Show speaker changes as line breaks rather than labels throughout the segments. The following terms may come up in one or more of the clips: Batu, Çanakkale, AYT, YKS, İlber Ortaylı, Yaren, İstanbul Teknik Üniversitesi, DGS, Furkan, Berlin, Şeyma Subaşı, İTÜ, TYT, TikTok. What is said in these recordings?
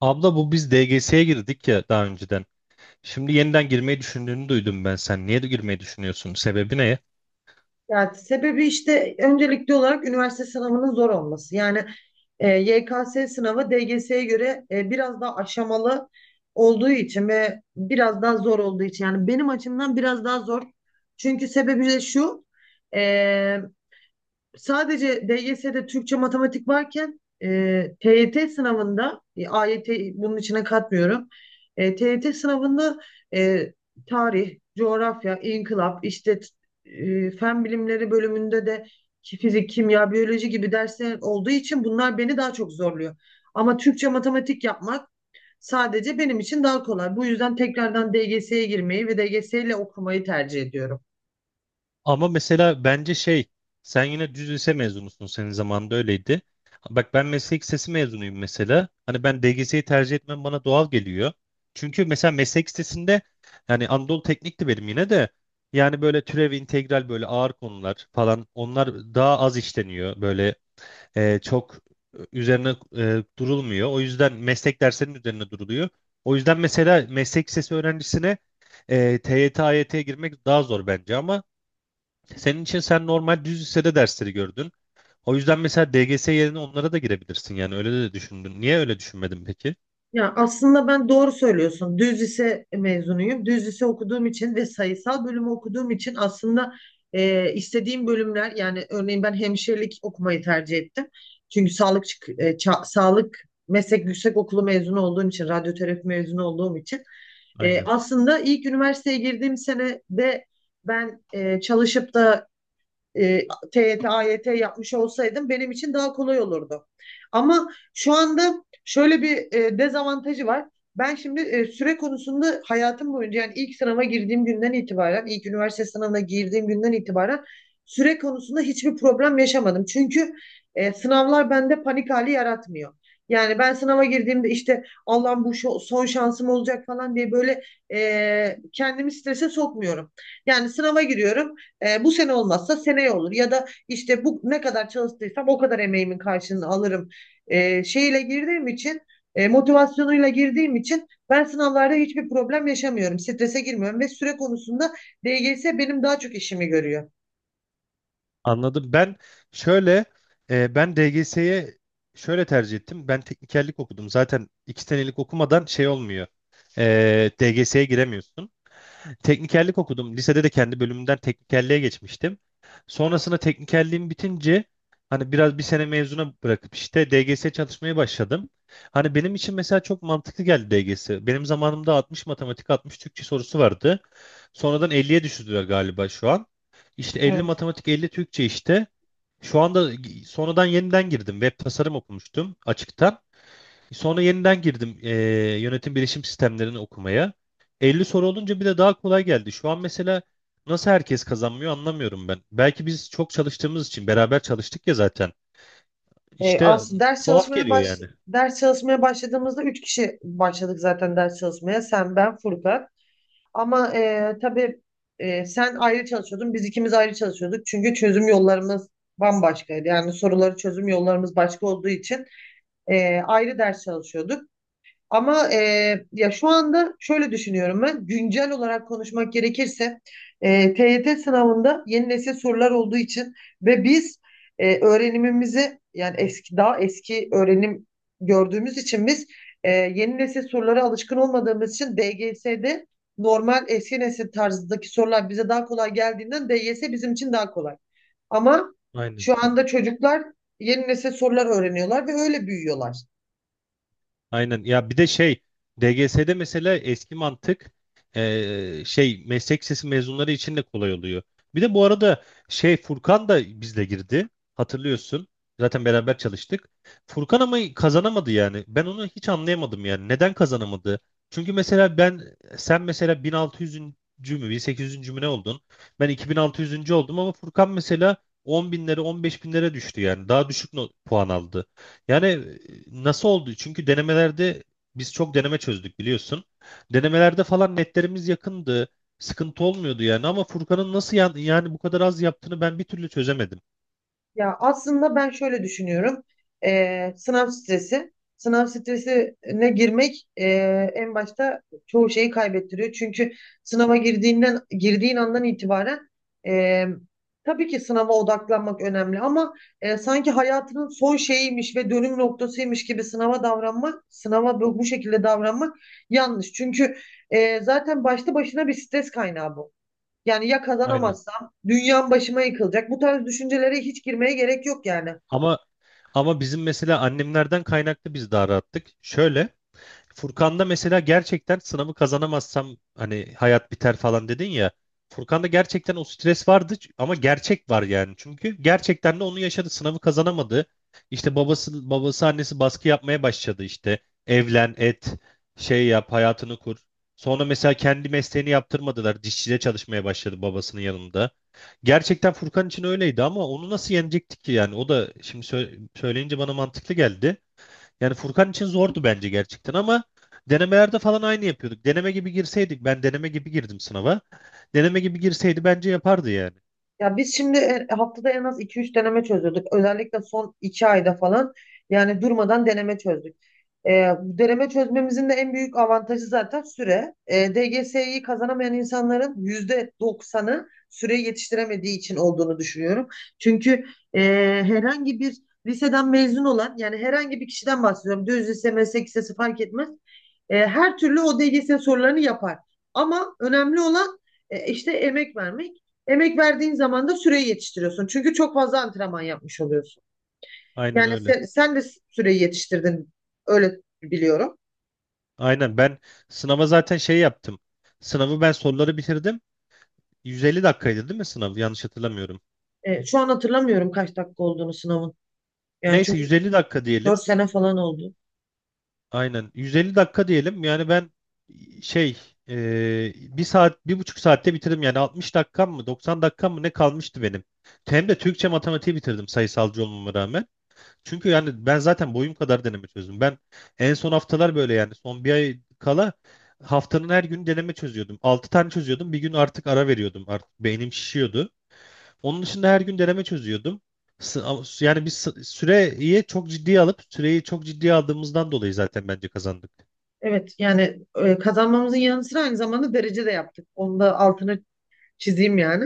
Abla bu biz DGS'ye girdik ya daha önceden. Şimdi yeniden girmeyi düşündüğünü duydum ben. Sen niye de girmeyi düşünüyorsun? Sebebi ne?
Yani sebebi işte öncelikli olarak üniversite sınavının zor olması. Yani YKS sınavı DGS'ye göre biraz daha aşamalı olduğu için ve biraz daha zor olduğu için. Yani benim açımdan biraz daha zor. Çünkü sebebi de şu. e, Sadece DGS'de Türkçe matematik varken TYT sınavında AYT bunun içine katmıyorum. TYT sınavında e, tarih, coğrafya, inkılap, işte fen bilimleri bölümünde de ki fizik, kimya, biyoloji gibi dersler olduğu için bunlar beni daha çok zorluyor. Ama Türkçe matematik yapmak sadece benim için daha kolay. Bu yüzden tekrardan DGS'ye girmeyi ve DGS ile okumayı tercih ediyorum.
Ama mesela bence sen yine düz lise mezunusun. Senin zamanında öyleydi. Bak ben meslek lisesi mezunuyum mesela. Hani ben DGS'yi tercih etmem bana doğal geliyor. Çünkü mesela meslek lisesinde yani Anadolu Teknik'ti benim yine de. Yani böyle türev, integral böyle ağır konular falan onlar daha az işleniyor. Böyle çok üzerine durulmuyor. O yüzden meslek derslerinin üzerine duruluyor. O yüzden mesela meslek lisesi öğrencisine TYT, AYT'ye girmek daha zor bence ama senin için sen normal düz lisede dersleri gördün. O yüzden mesela DGS yerine onlara da girebilirsin yani öyle de düşündün. Niye öyle düşünmedin peki?
Ya aslında ben doğru söylüyorsun. Düz lise mezunuyum. Düz lise okuduğum için ve sayısal bölümü okuduğum için aslında istediğim bölümler yani örneğin ben hemşirelik okumayı tercih ettim. Çünkü sağlık sağlık meslek yüksekokulu mezunu olduğum için, radyoterapi mezunu olduğum için
Aynen.
aslında ilk üniversiteye girdiğim sene de ben çalışıp da e, TYT, T A Y T yapmış olsaydım benim için daha kolay olurdu. Ama şu anda şöyle bir dezavantajı var. Ben şimdi süre konusunda hayatım boyunca yani ilk sınava girdiğim günden itibaren, ilk üniversite sınavına girdiğim günden itibaren süre konusunda hiçbir problem yaşamadım. Çünkü sınavlar bende panik hali yaratmıyor. Yani ben sınava girdiğimde işte Allah'ım bu son şansım olacak falan diye böyle kendimi strese sokmuyorum. Yani sınava giriyorum. Bu sene olmazsa seneye olur ya da işte bu ne kadar çalıştıysam o kadar emeğimin karşılığını alırım e, şeyle girdiğim için e, motivasyonuyla girdiğim için ben sınavlarda hiçbir problem yaşamıyorum. Strese girmiyorum ve süre konusunda DGS benim daha çok işimi görüyor.
Anladım. Şöyle ben DGS'ye şöyle tercih ettim. Ben teknikerlik okudum. Zaten iki senelik okumadan şey olmuyor. DGS'ye giremiyorsun. Teknikerlik okudum. Lisede de kendi bölümümden teknikerliğe geçmiştim. Sonrasında teknikerliğim bitince hani biraz bir sene mezuna bırakıp işte DGS çalışmaya başladım. Hani benim için mesela çok mantıklı geldi DGS. Benim zamanımda 60 matematik, 60 Türkçe sorusu vardı. Sonradan 50'ye düşürdüler galiba şu an. İşte 50
Evet.
matematik, 50 Türkçe işte. Şu anda sonradan yeniden girdim. Web tasarım okumuştum açıktan. Sonra yeniden girdim yönetim bilişim sistemlerini okumaya. 50 soru olunca bir de daha kolay geldi. Şu an mesela nasıl herkes kazanmıyor anlamıyorum ben. Belki biz çok çalıştığımız için beraber çalıştık ya zaten. İşte
Aslında ders
tuhaf
çalışmaya
geliyor yani.
ders çalışmaya başladığımızda üç kişi başladık zaten ders çalışmaya. Sen, ben, Furkan. Ama tabii sen ayrı çalışıyordun, biz ikimiz ayrı çalışıyorduk. Çünkü çözüm yollarımız bambaşkaydı. Yani soruları çözüm yollarımız başka olduğu için ayrı ders çalışıyorduk. Ama ya şu anda şöyle düşünüyorum ben. Güncel olarak konuşmak gerekirse TYT sınavında yeni nesil sorular olduğu için ve biz öğrenimimizi yani daha eski öğrenim gördüğümüz için biz yeni nesil sorulara alışkın olmadığımız için DGS'de normal eski nesil tarzındaki sorular bize daha kolay geldiğinden DYS bizim için daha kolay. Ama
Aynen.
şu anda çocuklar yeni nesil sorular öğreniyorlar ve öyle büyüyorlar.
Aynen ya bir de DGS'de mesela eski mantık meslek lisesi mezunları için de kolay oluyor. Bir de bu arada Furkan da bizle girdi, hatırlıyorsun, zaten beraber çalıştık. Furkan ama kazanamadı yani ben onu hiç anlayamadım, yani neden kazanamadı? Çünkü mesela ben sen mesela 1600'üncü mü 1800'üncü mü ne oldun? Ben 2600'üncü oldum ama Furkan mesela 10 binlere 15 binlere düştü yani daha düşük not, puan aldı. Yani nasıl oldu? Çünkü denemelerde biz çok deneme çözdük biliyorsun. Denemelerde falan netlerimiz yakındı. Sıkıntı olmuyordu yani ama Furkan'ın yani bu kadar az yaptığını ben bir türlü çözemedim.
Ya aslında ben şöyle düşünüyorum. Sınav stresi. Sınav stresine girmek en başta çoğu şeyi kaybettiriyor. Çünkü sınava girdiğinden girdiğin andan itibaren e, tabii ki sınava odaklanmak önemli ama sanki hayatının son şeyiymiş ve dönüm noktasıymış gibi sınava davranmak, bu şekilde davranmak yanlış. Çünkü zaten başlı başına bir stres kaynağı bu. Yani ya
Aynen.
kazanamazsam dünyam başıma yıkılacak. Bu tarz düşüncelere hiç girmeye gerek yok yani.
Ama ama bizim mesela annemlerden kaynaklı biz daha rahattık. Şöyle Furkan'da mesela gerçekten sınavı kazanamazsam hani hayat biter falan dedin ya. Furkan'da gerçekten o stres vardı ama gerçek var yani. Çünkü gerçekten de onu yaşadı. Sınavı kazanamadı. İşte babası annesi baskı yapmaya başladı işte. Evlen, et, şey yap, hayatını kur. Sonra mesela kendi mesleğini yaptırmadılar. Dişçide çalışmaya başladı babasının yanında. Gerçekten Furkan için öyleydi ama onu nasıl yenecektik ki yani? O da şimdi söyleyince bana mantıklı geldi. Yani Furkan için zordu bence gerçekten ama denemelerde falan aynı yapıyorduk. Deneme gibi girseydik, ben deneme gibi girdim sınava. Deneme gibi girseydi bence yapardı yani.
Ya biz şimdi haftada en az iki üç deneme çözüyorduk. Özellikle son 2 ayda falan yani durmadan deneme çözdük. E, Deneme çözmemizin de en büyük avantajı zaten süre. DGS'yi kazanamayan insanların %90'ı süreyi yetiştiremediği için olduğunu düşünüyorum. Çünkü e, herhangi bir liseden mezun olan yani herhangi bir kişiden bahsediyorum. Düz lise, meslek lisesi fark etmez. Her türlü o DGS sorularını yapar. Ama önemli olan işte emek vermek. Emek verdiğin zaman da süreyi yetiştiriyorsun. Çünkü çok fazla antrenman yapmış oluyorsun.
Aynen
Yani
öyle.
sen de süreyi yetiştirdin. Öyle biliyorum.
Aynen ben sınava zaten şey yaptım. Sınavı ben soruları bitirdim. 150 dakikaydı değil mi sınav? Yanlış hatırlamıyorum.
Şu an hatırlamıyorum kaç dakika olduğunu sınavın. Yani
Neyse
çünkü
150 dakika
4
diyelim.
sene falan oldu.
Aynen. 150 dakika diyelim. Yani ben şey bir saat bir buçuk saatte bitirdim. Yani 60 dakikam mı 90 dakikam mı ne kalmıştı benim. Hem de Türkçe matematiği bitirdim sayısalcı olmama rağmen. Çünkü yani ben zaten boyum kadar deneme çözdüm. Ben en son haftalar böyle yani son bir ay kala haftanın her günü deneme çözüyordum. Altı tane çözüyordum. Bir gün artık ara veriyordum. Artık beynim şişiyordu. Onun dışında her gün deneme çözüyordum. Yani süreyi çok ciddiye aldığımızdan dolayı zaten bence kazandık.
Evet yani kazanmamızın yanı sıra aynı zamanda derece de yaptık. Onu da altını çizeyim yani.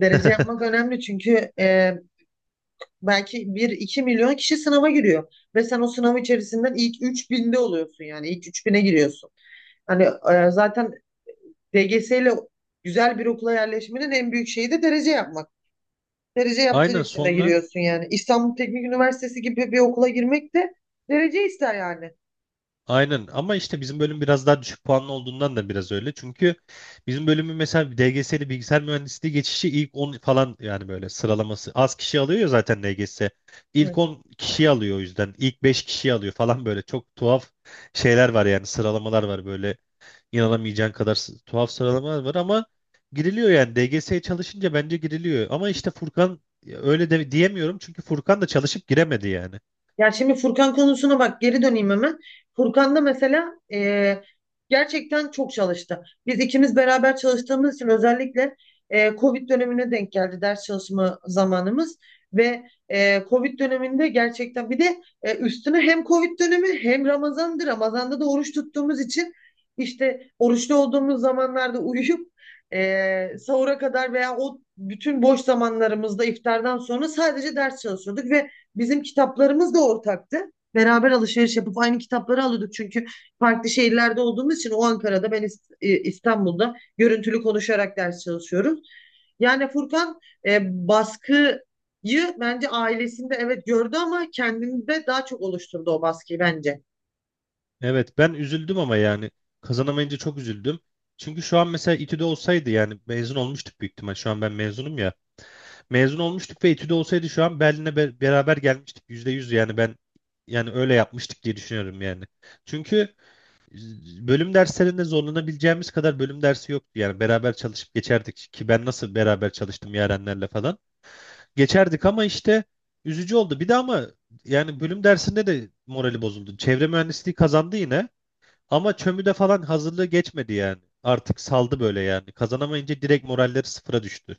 Derece yapmak önemli çünkü belki bir iki milyon kişi sınava giriyor. Ve sen o sınav içerisinden ilk 3.000'de oluyorsun yani. İlk 3.000'e giriyorsun. Hani zaten DGS ile güzel bir okula yerleşmenin en büyük şeyi de derece yapmak. Derece yaptığın
Aynen
için de
sonra
giriyorsun yani. İstanbul Teknik Üniversitesi gibi bir okula girmek de derece ister yani.
aynen ama işte bizim bölüm biraz daha düşük puanlı olduğundan da biraz öyle. Çünkü bizim bölümün mesela DGS'li bilgisayar mühendisliği geçişi ilk 10 falan yani böyle sıralaması, az kişi alıyor ya zaten DGS. İlk 10 kişi alıyor o yüzden. İlk 5 kişi alıyor falan, böyle çok tuhaf şeyler var yani, sıralamalar var böyle inanamayacağın kadar tuhaf sıralamalar var ama giriliyor yani DGS'ye çalışınca bence giriliyor. Ama işte Furkan ya öyle de diyemiyorum çünkü Furkan da çalışıp giremedi yani.
Ya şimdi Furkan konusuna bak geri döneyim hemen. Furkan da mesela gerçekten çok çalıştı. Biz ikimiz beraber çalıştığımız için özellikle Covid dönemine denk geldi ders çalışma zamanımız. Ve Covid döneminde gerçekten bir de üstüne hem Covid dönemi hem Ramazan'dı. Ramazan'da da oruç tuttuğumuz için işte oruçlu olduğumuz zamanlarda uyuyup sahura kadar veya o bütün boş zamanlarımızda iftardan sonra sadece ders çalışıyorduk ve bizim kitaplarımız da ortaktı. Beraber alışveriş yapıp aynı kitapları alıyorduk. Çünkü farklı şehirlerde olduğumuz için o Ankara'da, ben İstanbul'da görüntülü konuşarak ders çalışıyoruz. Yani Furkan e, baskıyı bence ailesinde evet gördü ama kendinde daha çok oluşturdu o baskıyı bence.
Evet ben üzüldüm ama yani kazanamayınca çok üzüldüm. Çünkü şu an mesela İTÜ'de olsaydı yani mezun olmuştuk büyük ihtimal. Şu an ben mezunum ya. Mezun olmuştuk ve İTÜ'de olsaydı şu an Berlin'e beraber gelmiştik. Yüzde yüz yani, ben yani öyle yapmıştık diye düşünüyorum yani. Çünkü bölüm derslerinde zorlanabileceğimiz kadar bölüm dersi yoktu. Yani beraber çalışıp geçerdik ki ben nasıl beraber çalıştım Yarenlerle falan. Geçerdik ama işte üzücü oldu. Bir de ama yani bölüm dersinde de morali bozuldu. Çevre mühendisliği kazandı yine ama çömüde falan hazırlığı geçmedi yani. Artık saldı böyle yani. Kazanamayınca direkt moralleri sıfıra düştü.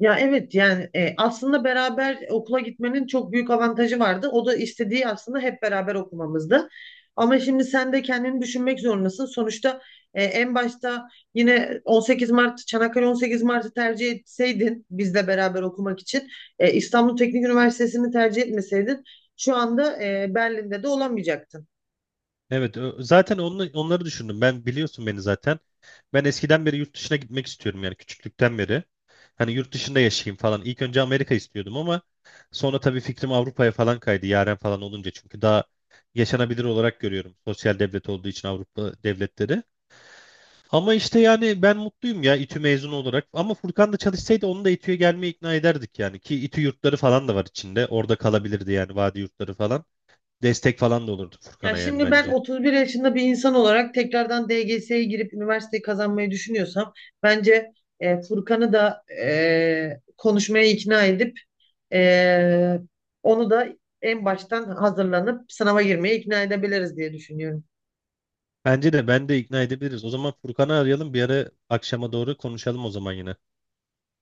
Ya evet yani aslında beraber okula gitmenin çok büyük avantajı vardı. O da istediği aslında hep beraber okumamızdı. Ama şimdi sen de kendini düşünmek zorundasın. Sonuçta en başta yine 18 Mart, Çanakkale 18 Mart'ı tercih etseydin bizle beraber okumak için İstanbul Teknik Üniversitesi'ni tercih etmeseydin şu anda Berlin'de de olamayacaktın.
Zaten onu, onları düşündüm. Ben biliyorsun beni zaten. Ben eskiden beri yurt dışına gitmek istiyorum yani küçüklükten beri. Hani yurt dışında yaşayayım falan. İlk önce Amerika istiyordum ama sonra tabii fikrim Avrupa'ya falan kaydı. Yaren falan olunca çünkü daha yaşanabilir olarak görüyorum. Sosyal devlet olduğu için Avrupa devletleri. Ama işte yani ben mutluyum ya İTÜ mezunu olarak. Ama Furkan da çalışsaydı onu da İTÜ'ye gelmeye ikna ederdik yani. Ki İTÜ yurtları falan da var içinde. Orada kalabilirdi yani vadi yurtları falan. Destek falan da olurdu
Ya
Furkan'a yani
şimdi ben
bence.
31 yaşında bir insan olarak tekrardan DGS'ye girip üniversiteyi kazanmayı düşünüyorsam bence Furkan'ı da konuşmaya ikna edip e, onu da en baştan hazırlanıp sınava girmeye ikna edebiliriz diye düşünüyorum.
Bence de ben de ikna edebiliriz. O zaman Furkan'ı arayalım bir ara akşama doğru konuşalım o zaman yine.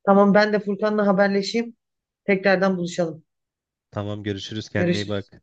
Tamam ben de Furkan'la haberleşeyim. Tekrardan buluşalım.
Tamam görüşürüz, kendine iyi
Görüşürüz.
bak.